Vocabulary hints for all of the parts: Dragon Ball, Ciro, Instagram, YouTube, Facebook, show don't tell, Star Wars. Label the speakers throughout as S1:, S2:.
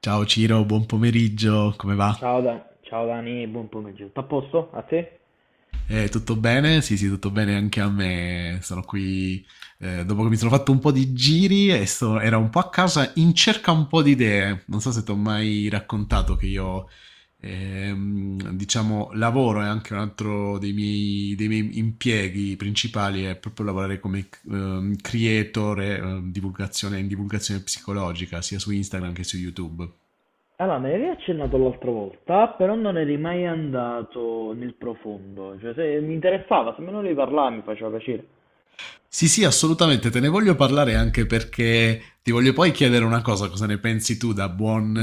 S1: Ciao Ciro, buon pomeriggio, come va?
S2: Ciao, ciao Dani, buon pomeriggio. Tutto a posto? A te?
S1: Tutto bene? Sì, sì, tutto bene anche a me. Sono qui dopo che mi sono fatto un po' di giri e era un po' a casa in cerca un po' di idee. Non so se ti ho mai raccontato che io, diciamo, lavoro e anche un altro dei miei impieghi principali è proprio lavorare come creator e, divulgazione, in divulgazione psicologica, sia su Instagram che su YouTube.
S2: Allora, me ne avevi accennato l'altra volta, però non eri mai andato nel profondo. Cioè, se mi interessava, se me ne volevi parlare mi faceva piacere.
S1: Sì, sì, assolutamente, te ne voglio parlare anche perché ti voglio poi chiedere una cosa, cosa ne pensi tu da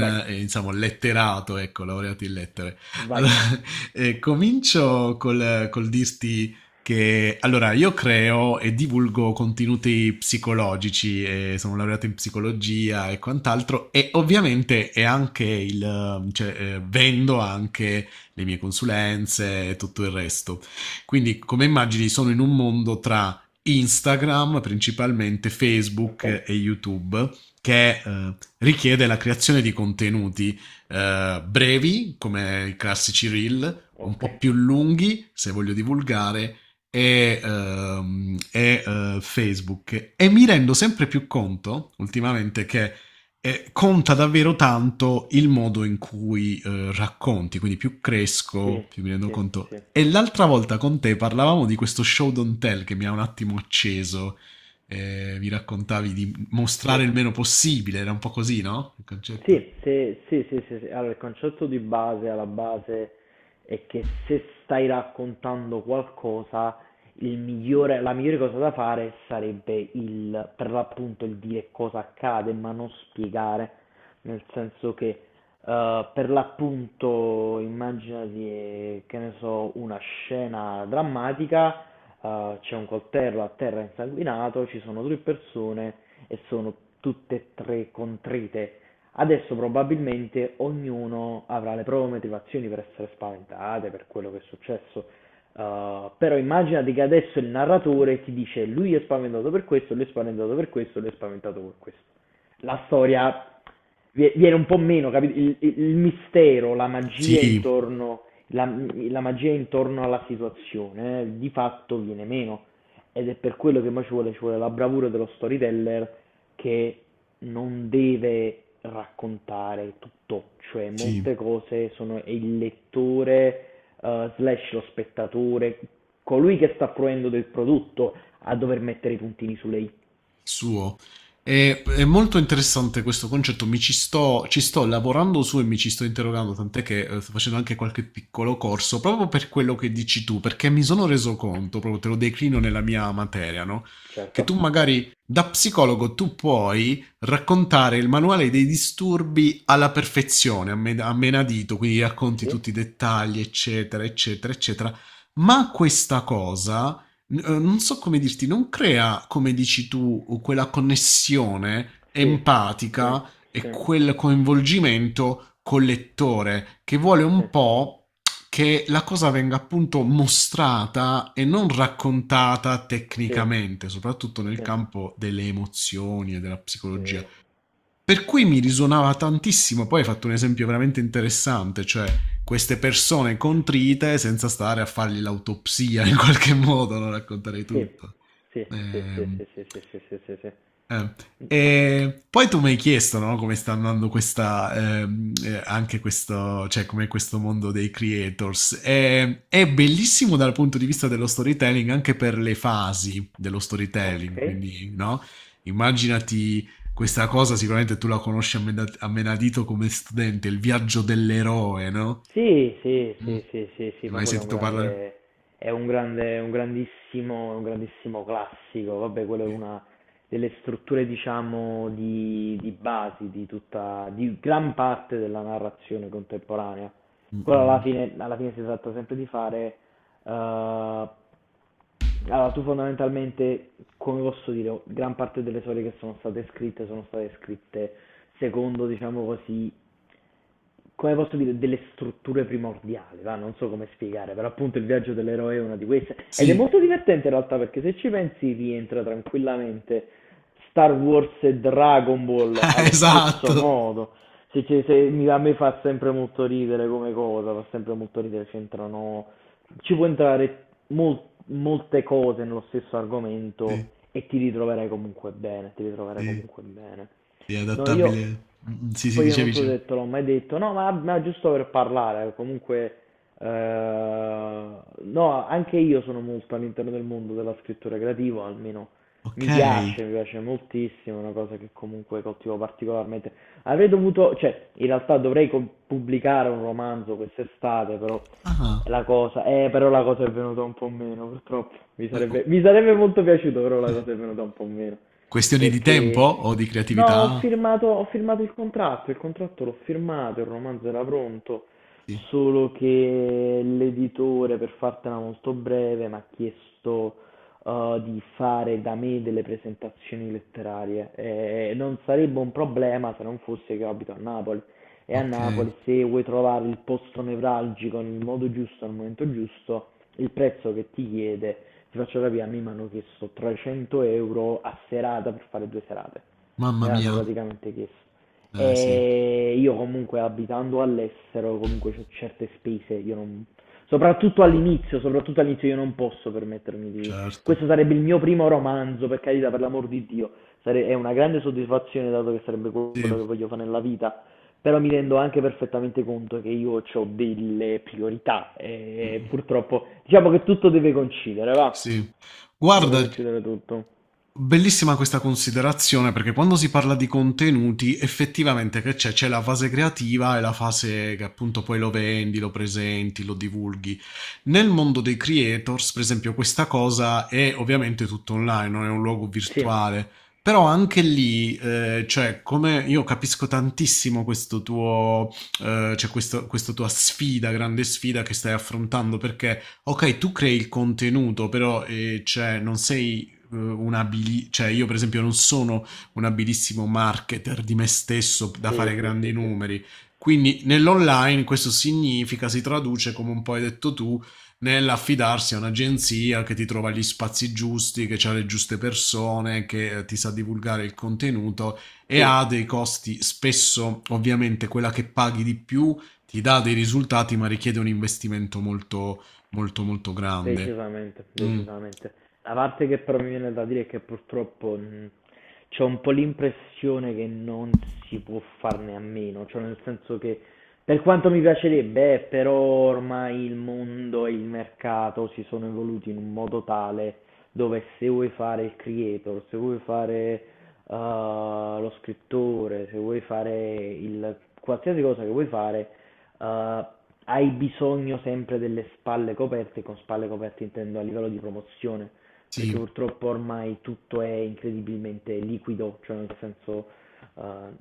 S2: Vai,
S1: diciamo, letterato, ecco, laureato in lettere.
S2: vai.
S1: Allora, comincio col dirti che, allora, io creo e divulgo contenuti psicologici, sono laureato in psicologia e quant'altro, e ovviamente è anche vendo anche le mie consulenze e tutto il resto. Quindi, come immagini, sono in un mondo tra Instagram, principalmente Facebook
S2: Ok?
S1: e YouTube, che richiede la creazione di contenuti brevi, come i classici reel, un
S2: Ok?
S1: po' più lunghi, se voglio divulgare, Facebook. E mi rendo sempre più conto, ultimamente, che conta davvero tanto il modo in cui racconti, quindi più
S2: Sì,
S1: cresco, più mi rendo
S2: sì,
S1: conto.
S2: sì,
S1: E l'altra volta con te parlavamo di questo show don't tell che mi ha un attimo acceso. Mi raccontavi di
S2: sì.
S1: mostrare il meno possibile, era un po' così, no? Il concetto.
S2: Sì, se sì, sì, sì, sì. Allora, il concetto di base, alla base, è che se stai raccontando qualcosa, la migliore cosa da fare sarebbe per l'appunto il dire cosa accade, ma non spiegare, nel senso che per l'appunto immaginati, che ne so, una scena drammatica, c'è un coltello a terra insanguinato, ci sono tre persone e sono tutte e tre contrite. Adesso probabilmente ognuno avrà le proprie motivazioni per essere spaventate, per quello che è successo, però immaginati che adesso il narratore ti dice lui è spaventato per questo, lui è spaventato per questo, lui è spaventato per questo. La storia viene un po' meno, capito? Il mistero, la magia
S1: Sì,
S2: intorno, la magia intorno alla situazione, di fatto viene meno. Ed è per quello che poi ci vuole la bravura dello storyteller che non deve raccontare tutto, cioè
S1: sì.
S2: molte cose sono e il lettore, slash lo spettatore, colui che sta fruendo del prodotto a dover mettere i puntini sulle i.
S1: Suo. È molto interessante questo concetto, ci sto lavorando su e mi ci sto interrogando, tant'è che sto facendo anche qualche piccolo corso, proprio per quello che dici tu, perché mi sono reso conto, proprio te lo declino nella mia materia, no? Che
S2: Certo,
S1: tu magari da psicologo tu puoi raccontare il manuale dei disturbi alla perfezione, a menadito, quindi racconti
S2: sì,
S1: tutti i dettagli, eccetera, eccetera, eccetera, ma questa cosa non so come dirti, non crea, come dici tu, quella connessione
S2: sì, sì,
S1: empatica e
S2: sì,
S1: quel coinvolgimento col lettore che vuole
S2: sì,
S1: un po' che la cosa venga appunto mostrata e non raccontata
S2: sì, sì,
S1: tecnicamente, soprattutto nel
S2: sì,
S1: campo delle emozioni e della psicologia.
S2: sì,
S1: Per cui mi risuonava tantissimo, poi hai fatto un esempio veramente interessante, cioè queste persone contrite senza stare a fargli l'autopsia in qualche modo, non racconterei
S2: sì,
S1: tutto.
S2: sì, sì, sì,
S1: Ehm,
S2: sì, sì, sì, sì, sì, sì.
S1: eh, E poi tu mi hai chiesto, no, come sta andando questa, anche questo, cioè come questo mondo dei creators. È bellissimo dal punto di vista dello storytelling, anche per le fasi dello
S2: Ok.
S1: storytelling, quindi, no? Immaginati questa cosa, sicuramente tu la conosci a menadito come studente, il viaggio dell'eroe, no?
S2: Sì, sì,
S1: Mm.
S2: sì, sì, sì, sì,
S1: Ne hai
S2: ma
S1: mai
S2: quello
S1: sentito parlare?
S2: è un grande, un grandissimo classico. Vabbè, quello è
S1: Sì.
S2: una delle strutture, diciamo, di base di tutta, di gran parte della narrazione contemporanea.
S1: Mm,
S2: Quello
S1: mm.
S2: alla fine si tratta sempre di fare, eh, allora, tu fondamentalmente, come posso dire, gran parte delle storie che sono state scritte secondo, diciamo così, come posso dire, delle strutture primordiali, va? Non so come spiegare, però appunto il viaggio dell'eroe è una di queste ed è
S1: Sì,
S2: molto divertente in realtà perché se ci pensi rientra tranquillamente Star Wars e Dragon Ball allo stesso
S1: esatto.
S2: modo, a me fa sempre molto ridere come cosa, fa sempre molto ridere, ci può entrare molte cose nello stesso argomento
S1: Sì,
S2: e ti ritroverai comunque bene, ti ritroverai
S1: sì.
S2: comunque bene.
S1: Sì, è
S2: No, io
S1: adattabile. Mm. Sì, sì,
S2: poi io
S1: dicevi.
S2: non so
S1: Dicevo.
S2: se te l'ho mai detto, no, ma giusto per parlare, comunque, eh, no, anche io sono molto all'interno del mondo della scrittura creativa, almeno
S1: Ok.
S2: mi piace moltissimo, è una cosa che comunque coltivo particolarmente. Avrei dovuto, cioè, in realtà dovrei pubblicare un romanzo quest'estate, però
S1: Ah.
S2: però la cosa è venuta un po' meno, purtroppo.
S1: Oh,
S2: Mi sarebbe molto piaciuto, però la cosa è venuta un po' meno,
S1: questioni di tempo
S2: perché...
S1: o di
S2: No,
S1: creatività?
S2: ho firmato il contratto l'ho firmato, il romanzo era pronto,
S1: Sì.
S2: solo che l'editore, per fartela molto breve, mi ha chiesto di fare da me delle presentazioni letterarie. E non sarebbe un problema se non fosse che abito a Napoli. E a
S1: Ok.
S2: Napoli, se vuoi trovare il posto nevralgico nel modo giusto, al momento giusto, il prezzo che ti chiede, ti faccio capire, a me mi hanno chiesto 300 euro a serata per fare due serate.
S1: Mamma
S2: Me l'hanno
S1: mia.
S2: praticamente chiesto.
S1: Eh sì,
S2: E io comunque abitando all'estero, comunque ho certe spese, io non... soprattutto all'inizio io non posso permettermi di...
S1: certo.
S2: Questo sarebbe il mio primo romanzo, per carità, per l'amor di Dio. È una grande soddisfazione dato che sarebbe quello che
S1: Sì.
S2: voglio fare nella vita, però mi rendo anche perfettamente conto che io ho delle priorità e
S1: Mm.
S2: purtroppo diciamo che tutto deve coincidere, va?
S1: Sì.
S2: Deve
S1: Guarda,
S2: coincidere tutto.
S1: bellissima questa considerazione perché quando si parla di contenuti effettivamente che c'è? C'è la fase creativa e la fase che appunto poi lo vendi, lo presenti, lo divulghi. Nel mondo dei creators, per esempio, questa cosa è ovviamente tutto online, non è un luogo
S2: Sì,
S1: virtuale. Però anche lì, come io capisco tantissimo questo tuo, questa tua sfida, grande sfida che stai affrontando, perché ok, tu crei il contenuto, però non sei cioè io per esempio non sono un abilissimo marketer di me stesso da
S2: sì,
S1: fare
S2: sì,
S1: grandi
S2: sì, sì.
S1: numeri. Quindi nell'online questo significa, si traduce, come un po' hai detto tu, nell'affidarsi a un'agenzia che ti trova gli spazi giusti, che ha le giuste persone, che ti sa divulgare il contenuto e
S2: Sì.
S1: ha dei costi spesso, ovviamente, quella che paghi di più ti dà dei risultati, ma richiede un investimento molto, molto, molto grande.
S2: Decisamente,
S1: Mm,
S2: decisamente. La parte che però mi viene da dire è che purtroppo c'ho un po' l'impressione che non si può farne a meno, cioè nel senso che per quanto mi piacerebbe, però ormai il mondo e il mercato si sono evoluti in un modo tale dove se vuoi fare il creator, se vuoi fare lo scrittore, se vuoi fare il qualsiasi cosa che vuoi fare, eh, hai bisogno sempre delle spalle coperte, e con spalle coperte intendo a livello di promozione perché
S1: sì,
S2: purtroppo ormai tutto è incredibilmente liquido, cioè nel senso eh,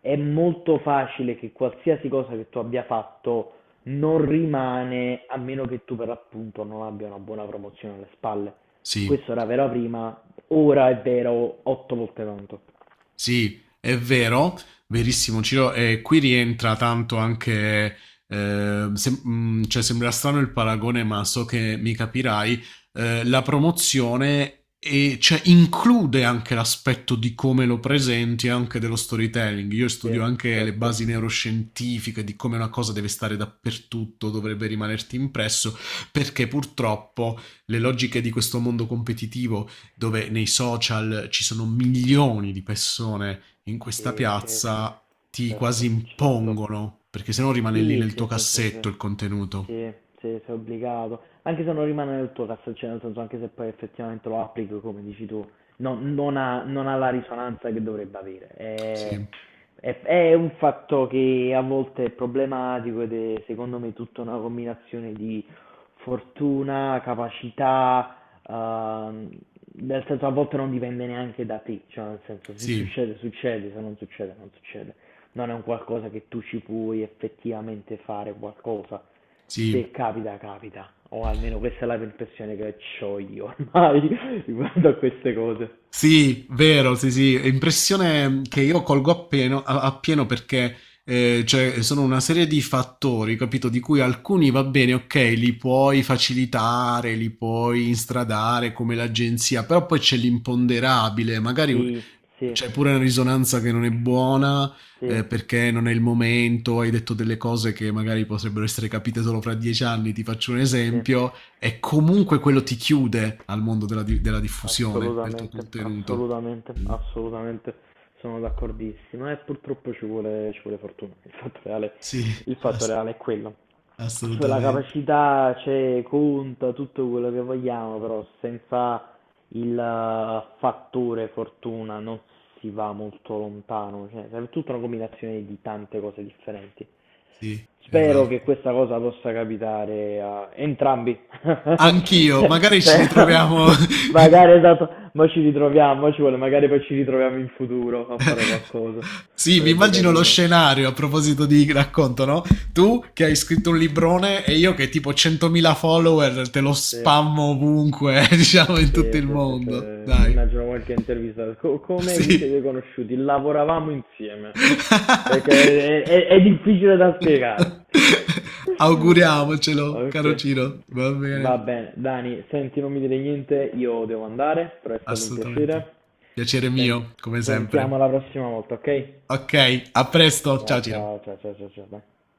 S2: è molto facile che qualsiasi cosa che tu abbia fatto non rimane a meno che tu per l'appunto non abbia una buona promozione alle spalle.
S1: sì.
S2: Questo era vero prima, ora è vero otto volte tanto.
S1: Sì, è vero, verissimo Ciro, e qui rientra tanto anche, sembra strano il paragone, ma so che mi capirai, la promozione e, cioè, include anche l'aspetto di come lo presenti e anche dello storytelling. Io studio
S2: Sì,
S1: anche le
S2: certo.
S1: basi neuroscientifiche di come una cosa deve stare dappertutto, dovrebbe rimanerti impresso, perché purtroppo le logiche di questo mondo competitivo dove nei social ci sono milioni di persone in questa
S2: Sì, sì, sì,
S1: piazza, ti quasi
S2: certo, certo.
S1: impongono, perché se no rimane lì
S2: Sì,
S1: nel tuo
S2: sì, sì, sì, sì,
S1: cassetto il contenuto.
S2: sì, sì, sei obbligato, anche se non rimane nel tuo cazzo, cioè nel senso anche se poi effettivamente lo applichi come dici tu, non ha, non ha la risonanza che dovrebbe avere,
S1: Sì,
S2: è un fatto che a volte è problematico ed è secondo me tutta una combinazione di fortuna, capacità, ehm, nel senso a volte non dipende neanche da te, cioè nel senso se
S1: sì,
S2: succede succede, se non succede non succede non è un qualcosa che tu ci puoi effettivamente fare qualcosa.
S1: sì.
S2: Se capita, capita. O almeno questa è la impressione che ho io ormai riguardo a queste cose.
S1: Sì, vero, sì, sì, è impressione che io colgo appieno, appieno perché sono una serie di fattori, capito? Di cui alcuni va bene, ok, li puoi facilitare, li puoi instradare come l'agenzia, però poi c'è l'imponderabile, magari
S2: Sì, sì,
S1: c'è pure una risonanza che non è buona
S2: sì,
S1: perché non è il momento, hai detto delle cose che magari potrebbero essere capite solo fra dieci anni, ti faccio un
S2: sì,
S1: esempio e comunque quello ti chiude al mondo della diffusione del tuo
S2: assolutamente,
S1: contenuto.
S2: assolutamente,
S1: Mm.
S2: assolutamente. Sono d'accordissimo e purtroppo ci vuole fortuna.
S1: Sì,
S2: Il fatto
S1: ass-
S2: reale è quello. Cioè la
S1: assolutamente.
S2: capacità c'è, conta tutto quello che vogliamo, però senza il fattore fortuna non si va molto lontano, cioè serve tutta una combinazione di tante cose differenti.
S1: Sì.
S2: Spero che
S1: Esatto.
S2: questa cosa possa capitare a entrambi.
S1: Anch'io,
S2: Se-
S1: magari ci
S2: se-
S1: ritroviamo.
S2: Magari esatto, ma ci ritroviamo, mo ci vuole, magari poi ci ritroviamo in futuro a fare qualcosa.
S1: Sì, mi
S2: Sarebbe
S1: immagino lo
S2: carino.
S1: scenario a proposito di racconto, no? Tu che hai scritto un librone e io che tipo 100.000 follower te lo
S2: Sì.
S1: spammo ovunque, diciamo in tutto
S2: Sì,
S1: il
S2: sì, sì, sì,
S1: mondo. Dai.
S2: immagino qualche intervista. Come vi
S1: Sì.
S2: siete conosciuti? Lavoravamo insieme. È, che- è- È difficile da spiegare.
S1: Auguriamocelo, caro
S2: Ok,
S1: Ciro. Va bene,
S2: va bene. Dani, senti, non mi dire niente, io devo andare, però è stato un
S1: assolutamente.
S2: piacere.
S1: Piacere
S2: Senti,
S1: mio, come
S2: ci sentiamo
S1: sempre.
S2: la prossima volta, ok?
S1: Ok, a presto.
S2: Ciao,
S1: Ciao Ciro.
S2: ciao, ciao, ciao, ciao, ciao. Dai.